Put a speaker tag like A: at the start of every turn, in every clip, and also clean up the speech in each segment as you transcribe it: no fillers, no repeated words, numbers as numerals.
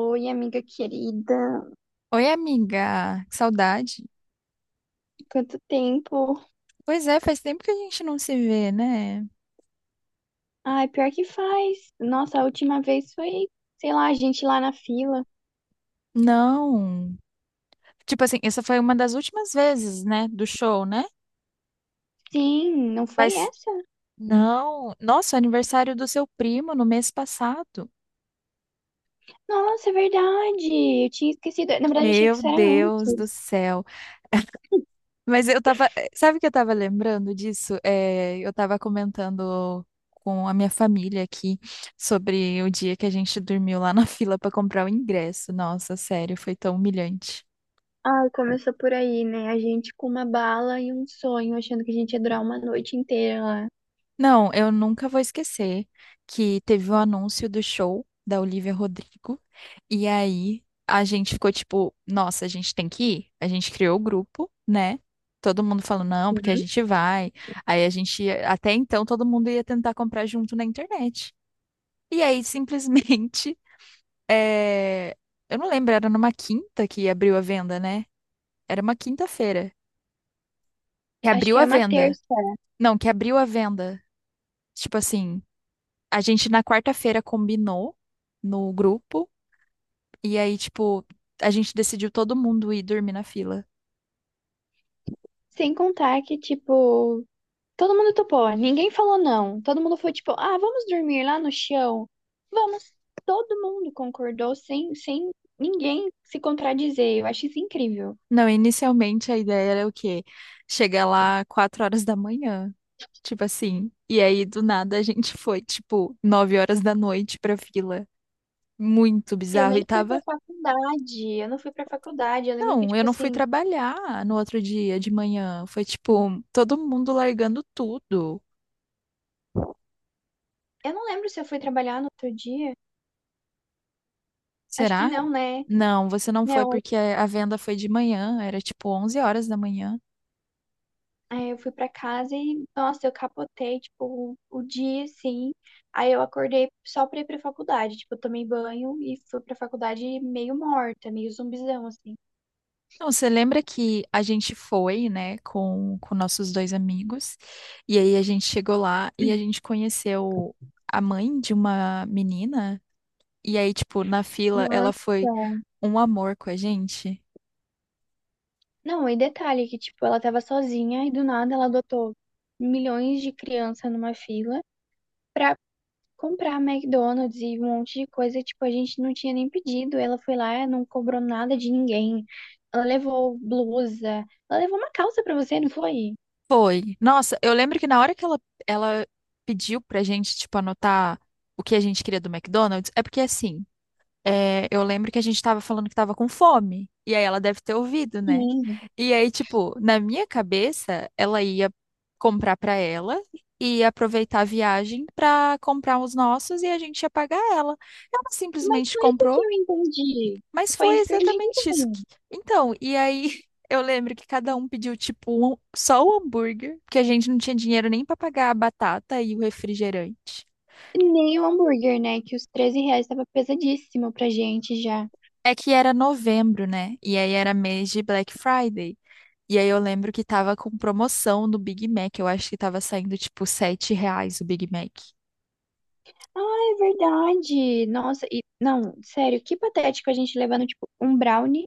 A: Oi, amiga querida.
B: Oi, amiga, que saudade.
A: Quanto tempo?
B: Pois é, faz tempo que a gente não se vê, né?
A: Ai, pior que faz. Nossa, a última vez foi, sei lá, a gente lá na fila.
B: Não. Tipo assim, essa foi uma das últimas vezes, né, do show, né?
A: Sim, não foi
B: Mas
A: essa?
B: não. Nossa, aniversário do seu primo no mês passado.
A: Nossa, é verdade. Eu tinha esquecido. Na verdade, eu achei que
B: Meu
A: isso era
B: Deus do
A: antes.
B: céu. Mas eu tava, sabe o que eu tava lembrando disso? É, eu tava comentando com a minha família aqui sobre o dia que a gente dormiu lá na fila pra comprar o ingresso. Nossa, sério, foi tão humilhante.
A: Ai, começou por aí, né? A gente com uma bala e um sonho, achando que a gente ia durar uma noite inteira lá.
B: Não, eu nunca vou esquecer que teve o anúncio do show da Olivia Rodrigo. E aí a gente ficou tipo, nossa, a gente tem que ir. A gente criou o grupo, né? Todo mundo falou, não, porque a
A: Uhum.
B: gente vai. Aí a gente, até então, todo mundo ia tentar comprar junto na internet. E aí, simplesmente, eh, eu não lembro, era numa quinta que abriu a venda, né? Era uma quinta-feira que
A: Acho
B: abriu
A: que
B: a
A: era uma
B: venda.
A: terça.
B: Não, que abriu a venda. Tipo assim. A gente na quarta-feira combinou no grupo e aí, tipo, a gente decidiu todo mundo ir dormir na fila.
A: Sem contar que, tipo, todo mundo topou, ninguém falou não. Todo mundo foi tipo, ah, vamos dormir lá no chão? Vamos. Todo mundo concordou sem ninguém se contradizer. Eu acho isso incrível.
B: Não, inicialmente a ideia era o quê? Chegar lá 4 horas da manhã, tipo assim. E aí, do nada, a gente foi, tipo, 9 horas da noite pra fila. Muito
A: Eu
B: bizarro.
A: nem
B: E
A: fui pra
B: tava.
A: faculdade, eu não fui pra faculdade. Eu lembro que,
B: Não, eu
A: tipo
B: não fui
A: assim,
B: trabalhar no outro dia de manhã. Foi, tipo, todo mundo largando tudo.
A: eu não lembro se eu fui trabalhar no outro dia. Acho que
B: Será?
A: não, né?
B: Não, você não foi
A: Não,
B: porque a venda foi de manhã, era tipo 11 horas da manhã.
A: aí eu fui pra casa e, nossa, eu capotei, tipo, o dia, assim. Aí eu acordei só pra ir pra faculdade. Tipo, eu tomei banho e fui pra faculdade meio morta, meio zumbizão, assim.
B: Não, você lembra que a gente foi, né, com nossos dois amigos, e aí a gente chegou lá e a gente conheceu a mãe de uma menina, e aí, tipo, na fila
A: Nossa.
B: ela foi um amor com a gente?
A: Não, e detalhe que, tipo, ela tava sozinha e do nada ela adotou milhões de crianças numa fila pra comprar McDonald's e um monte de coisa que, tipo, a gente não tinha nem pedido. Ela foi lá, não cobrou nada de ninguém. Ela levou blusa, ela levou uma calça pra você, não foi?
B: Foi. Nossa, eu lembro que na hora que ela pediu pra gente, tipo, anotar o que a gente queria do McDonald's, é porque assim. É, eu lembro que a gente tava falando que tava com fome. E aí ela deve ter ouvido, né?
A: Sim.
B: E aí, tipo, na minha cabeça, ela ia comprar pra ela e ia aproveitar a viagem pra comprar os nossos e a gente ia pagar ela. Ela
A: Mas
B: simplesmente
A: foi isso que
B: comprou,
A: eu entendi.
B: mas
A: Foi
B: foi
A: isso que eu entendi
B: exatamente isso.
A: também.
B: Então, e aí eu lembro que cada um pediu, tipo, só o hambúrguer, porque a gente não tinha dinheiro nem pra pagar a batata e o refrigerante.
A: Nem o hambúrguer, né? Que os 13 reais tava pesadíssimo pra gente já.
B: É que era novembro, né? E aí era mês de Black Friday. E aí eu lembro que tava com promoção no Big Mac. Eu acho que tava saindo tipo 7 reais o Big Mac.
A: Ah, é verdade. Nossa, e não, sério, que patético a gente levando tipo um brownie,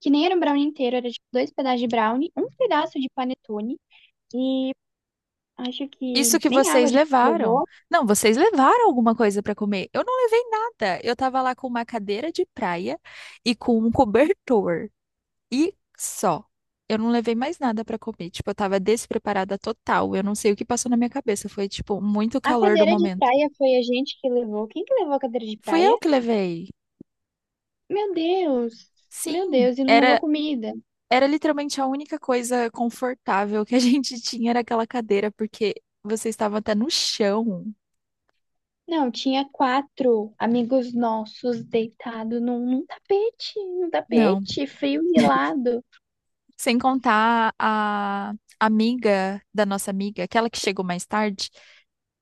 A: que nem era um brownie inteiro, era tipo dois pedaços de brownie, um pedaço de panetone e acho que
B: Isso que
A: nem água a
B: vocês
A: gente
B: levaram.
A: levou.
B: Não, vocês levaram alguma coisa pra comer. Eu não levei nada. Eu tava lá com uma cadeira de praia e com um cobertor. E só. Eu não levei mais nada pra comer. Tipo, eu tava despreparada total. Eu não sei o que passou na minha cabeça. Foi, tipo, muito
A: A
B: calor do
A: cadeira de
B: momento.
A: praia foi a gente que levou. Quem que levou a cadeira de
B: Fui eu
A: praia?
B: que levei.
A: Meu Deus. Meu
B: Sim,
A: Deus, e não levou
B: era.
A: comida.
B: Era literalmente a única coisa confortável que a gente tinha era aquela cadeira, porque você estava até no chão.
A: Não, tinha quatro amigos nossos deitados num tapete, num
B: Não.
A: tapete frio e gelado.
B: Sem contar a amiga da nossa amiga, aquela que chegou mais tarde,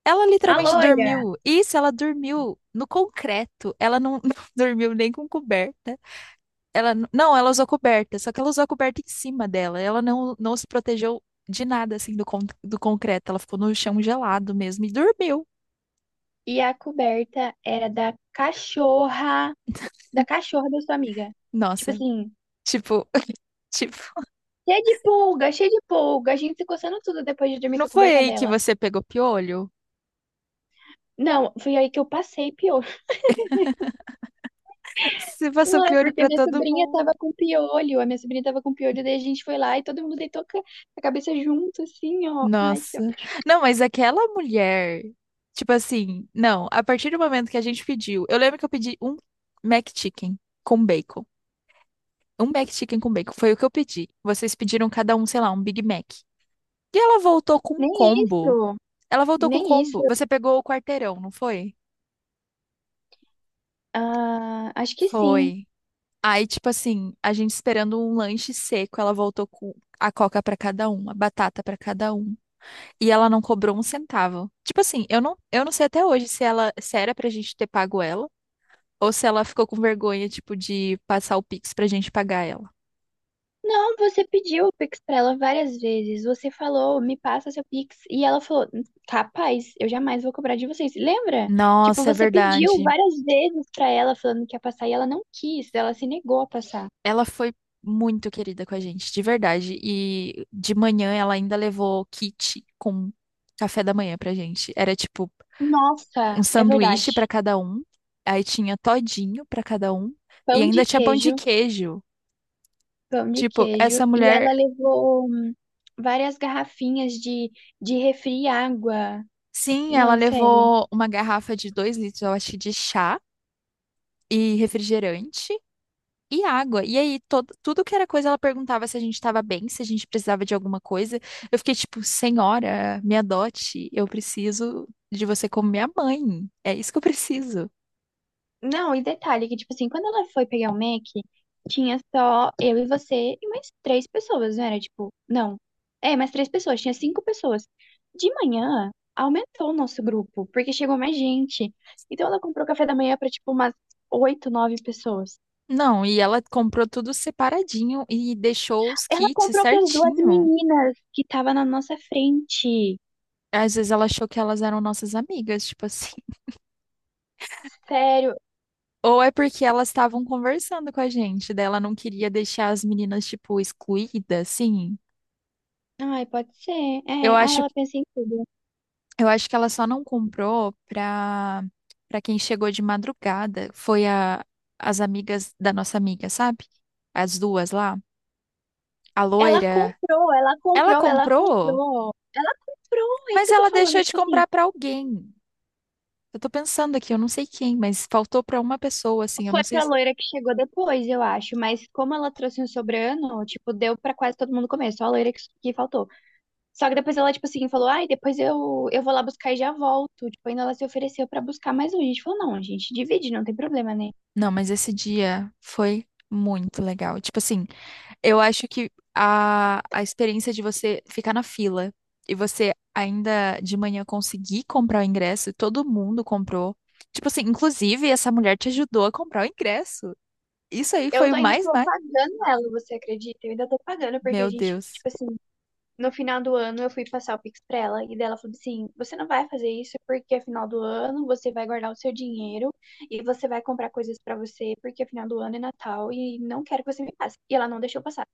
B: ela
A: A
B: literalmente
A: loira.
B: dormiu. Isso, ela dormiu no concreto. Ela não, não dormiu nem com coberta. Ela n- não, ela usou coberta, só que ela usou a coberta em cima dela. Ela não, não se protegeu de nada assim do concreto. Ela ficou no chão gelado mesmo e dormiu.
A: E a coberta era da cachorra, da cachorra da sua amiga. Tipo
B: Nossa,
A: assim,
B: tipo, Tipo,
A: cheia de pulga, a gente se coçando tudo depois de dormir
B: não
A: com a
B: foi
A: coberta
B: aí que
A: dela.
B: você pegou piolho?
A: Não, foi aí que eu passei piolho.
B: Você passou
A: Não é
B: piolho
A: porque
B: pra
A: minha
B: todo
A: sobrinha
B: mundo.
A: tava com piolho, a minha sobrinha tava com piolho, daí a gente foi lá e todo mundo deitou a cabeça junto, assim, ó. Ai, que ó.
B: Nossa. Não, mas aquela mulher, tipo assim, não, a partir do momento que a gente pediu, eu lembro que eu pedi um McChicken com bacon. Um McChicken com bacon, foi o que eu pedi. Vocês pediram cada um, sei lá, um Big Mac. E ela voltou com um
A: Nem
B: combo.
A: isso,
B: Ela voltou com o
A: nem isso.
B: combo. Você pegou o quarteirão, não foi?
A: Ah, acho que sim.
B: Foi. Aí, tipo assim, a gente esperando um lanche seco, ela voltou com a coca pra cada um, a batata pra cada um, e ela não cobrou um centavo. Tipo assim, eu não sei até hoje se ela, se era pra gente ter pago ela, ou se ela ficou com vergonha, tipo, de passar o Pix pra gente pagar ela.
A: Não, você pediu o Pix pra ela várias vezes. Você falou, me passa seu Pix. E ela falou, capaz, eu jamais vou cobrar de vocês. Lembra? Tipo,
B: Nossa, é
A: você pediu
B: verdade.
A: várias vezes pra ela falando que ia passar e ela não quis, ela se negou a passar.
B: Ela foi muito querida com a gente, de verdade. E de manhã ela ainda levou kit com café da manhã pra gente. Era tipo um
A: Nossa, é
B: sanduíche
A: verdade.
B: pra cada um, aí tinha todinho pra cada um
A: Pão
B: e ainda
A: de
B: tinha pão de
A: queijo,
B: queijo.
A: pão de
B: Tipo,
A: queijo.
B: essa
A: E
B: mulher,
A: ela levou várias garrafinhas de refri e água.
B: sim, ela
A: Não, sério.
B: levou uma garrafa de 2 litros, eu acho, de chá e refrigerante e água. E aí, tudo que era coisa, ela perguntava se a gente tava bem, se a gente precisava de alguma coisa. Eu fiquei tipo, senhora, me adote, eu preciso de você como minha mãe. É isso que eu preciso.
A: Não, e detalhe que, tipo assim, quando ela foi pegar o Mac, tinha só eu e você e mais três pessoas, não era? Tipo, não. É, mais três pessoas, tinha cinco pessoas. De manhã, aumentou o nosso grupo, porque chegou mais gente. Então ela comprou café da manhã pra, tipo, umas oito, nove pessoas.
B: Não, e ela comprou tudo separadinho e deixou os
A: Ela
B: kits
A: comprou para duas
B: certinho.
A: meninas que estavam na nossa frente.
B: Às vezes ela achou que elas eram nossas amigas, tipo assim.
A: Sério.
B: Ou é porque elas estavam conversando com a gente, daí ela não queria deixar as meninas, tipo, excluídas, assim.
A: Ai, pode ser. É,
B: Eu
A: ai,
B: acho,
A: ela pensa em tudo.
B: eu acho que ela só não comprou pra quem chegou de madrugada. Foi a, as amigas da nossa amiga, sabe? As duas lá. A
A: Ela
B: loira.
A: comprou, ela
B: Ela
A: comprou, ela
B: comprou,
A: comprou. Ela comprou, é isso
B: mas
A: que eu tô
B: ela
A: falando,
B: deixou de
A: tipo assim.
B: comprar pra alguém. Eu tô pensando aqui, eu não sei quem, mas faltou pra uma pessoa, assim. Eu
A: Foi
B: não sei.
A: pra loira que chegou depois, eu acho. Mas como ela trouxe um sobrano, tipo, deu pra quase todo mundo comer. Só a loira que faltou. Só que depois ela, tipo assim, falou: Ai, depois eu vou lá buscar e já volto. Tipo, ainda ela se ofereceu pra buscar mais um. A gente falou: Não, a gente divide, não tem problema, né?
B: Não, mas esse dia foi muito legal. Tipo assim, eu acho que a experiência de você ficar na fila e você ainda de manhã conseguir comprar o ingresso, e todo mundo comprou. Tipo assim, inclusive essa mulher te ajudou a comprar o ingresso. Isso aí foi o
A: Ainda
B: mais,
A: tô
B: mais.
A: pagando ela, você acredita? Eu ainda tô pagando, porque a
B: Meu
A: gente,
B: Deus.
A: tipo assim, no final do ano eu fui passar o Pix pra ela e dela falou assim: "Você não vai fazer isso porque é final do ano, você vai guardar o seu dinheiro e você vai comprar coisas pra você porque é final do ano é Natal e não quero que você me passe". E ela não deixou passar.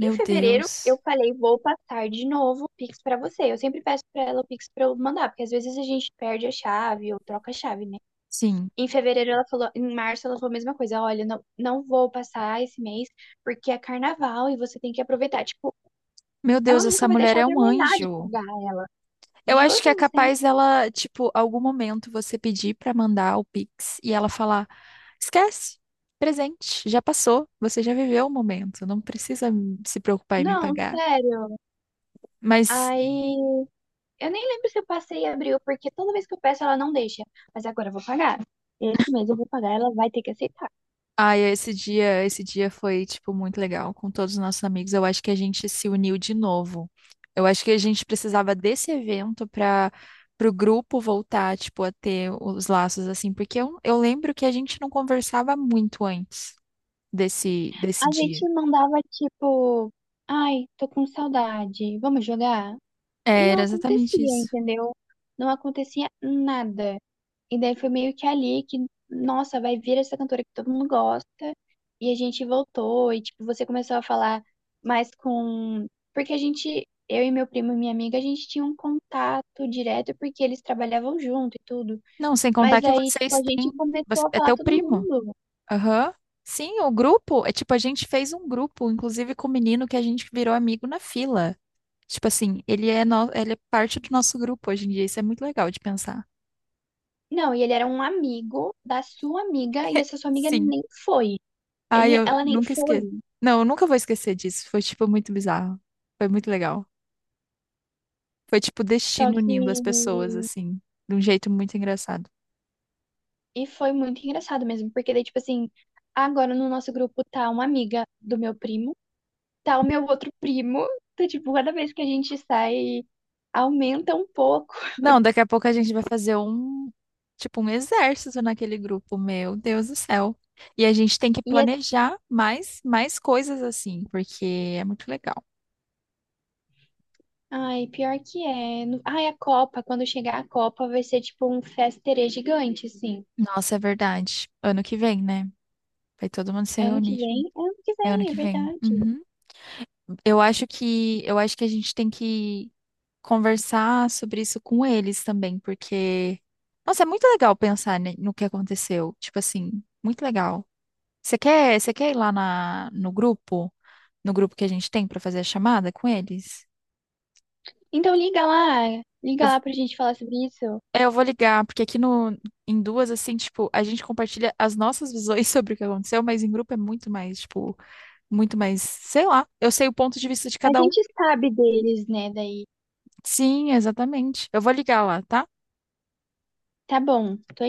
A: Em fevereiro eu
B: Deus.
A: falei: "Vou passar de novo o Pix pra você". Eu sempre peço pra ela o Pix pra eu mandar, porque às vezes a gente perde a chave ou troca a chave, né?
B: Sim.
A: Em fevereiro ela falou, em março ela falou a mesma coisa, olha, não, não vou passar esse mês porque é carnaval e você tem que aproveitar. Tipo,
B: Meu Deus,
A: ela
B: essa
A: nunca vai
B: mulher
A: deixar eu
B: é um
A: terminar de
B: anjo.
A: pagar.
B: Eu acho
A: Juro
B: que é
A: pra você.
B: capaz ela, tipo, algum momento você pedir pra mandar o Pix e ela falar. Esquece. Presente. Já passou. Você já viveu o momento. Não precisa se preocupar em me
A: Não,
B: pagar.
A: sério.
B: Mas,
A: Aí, eu nem lembro se eu passei e abriu, porque toda vez que eu peço ela não deixa. Mas agora eu vou pagar. Esse mês eu vou pagar, ela vai ter que aceitar.
B: ai, esse dia foi, tipo, muito legal com todos os nossos amigos. Eu acho que a gente se uniu de novo. Eu acho que a gente precisava desse evento para o grupo voltar, tipo, a ter os laços assim, porque eu lembro que a gente não conversava muito antes
A: A
B: desse dia.
A: gente mandava tipo, ai, tô com saudade, vamos jogar? E
B: É,
A: não
B: era
A: acontecia,
B: exatamente isso.
A: entendeu? Não acontecia nada. E daí foi meio que ali que, nossa, vai vir essa cantora que todo mundo gosta. E a gente voltou, e tipo, você começou a falar mais com. Porque a gente, eu e meu primo e minha amiga, a gente tinha um contato direto porque eles trabalhavam junto e tudo.
B: Não, sem contar
A: Mas
B: que
A: aí, tipo,
B: vocês
A: a
B: têm.
A: gente começou a
B: É
A: falar
B: teu
A: todo
B: primo.
A: mundo.
B: Aham. Sim, o grupo. É tipo, a gente fez um grupo, inclusive com o menino que a gente virou amigo na fila. Tipo assim, ele é, no... ele é parte do nosso grupo hoje em dia. Isso é muito legal de pensar.
A: Não, e ele era um amigo da sua amiga, e essa sua amiga
B: Sim.
A: nem foi.
B: Ai,
A: Ele,
B: eu
A: ela nem
B: nunca
A: foi.
B: esqueço. Não, eu nunca vou esquecer disso. Foi, tipo, muito bizarro. Foi muito legal. Foi, tipo, o
A: Só
B: destino
A: que
B: unindo as pessoas, assim, de um jeito muito engraçado.
A: e foi muito engraçado mesmo, porque daí, tipo assim, agora no nosso grupo tá uma amiga do meu primo, tá o meu outro primo. Então, tipo, cada vez que a gente sai, aumenta um pouco.
B: Não, daqui a pouco a gente vai fazer um, tipo, um exército naquele grupo, meu Deus do céu. E a gente tem que
A: E é...
B: planejar mais coisas assim, porque é muito legal.
A: Ai, pior que é. Ai, a Copa, quando chegar a Copa, vai ser tipo um festerê gigante, assim.
B: Nossa, é verdade. Ano que vem, né? Vai todo mundo se
A: É ano que
B: reunir.
A: vem? É ano que
B: É ano
A: vem, é
B: que vem.
A: verdade.
B: Uhum. Eu acho que a gente tem que conversar sobre isso com eles também, porque, nossa, é muito legal pensar, né, no que aconteceu. Tipo assim, muito legal. Você quer ir lá no grupo? No grupo que a gente tem pra fazer a chamada com eles?
A: Então
B: Eu,
A: liga lá pra gente falar sobre isso.
B: eu vou ligar, porque aqui no, em duas, assim, tipo, a gente compartilha as nossas visões sobre o que aconteceu, mas em grupo é muito mais, tipo, muito mais, sei lá, eu sei o ponto de vista de
A: A
B: cada um.
A: gente sabe deles, né? Daí.
B: Sim, exatamente. Eu vou ligar lá, tá?
A: Tá bom, tô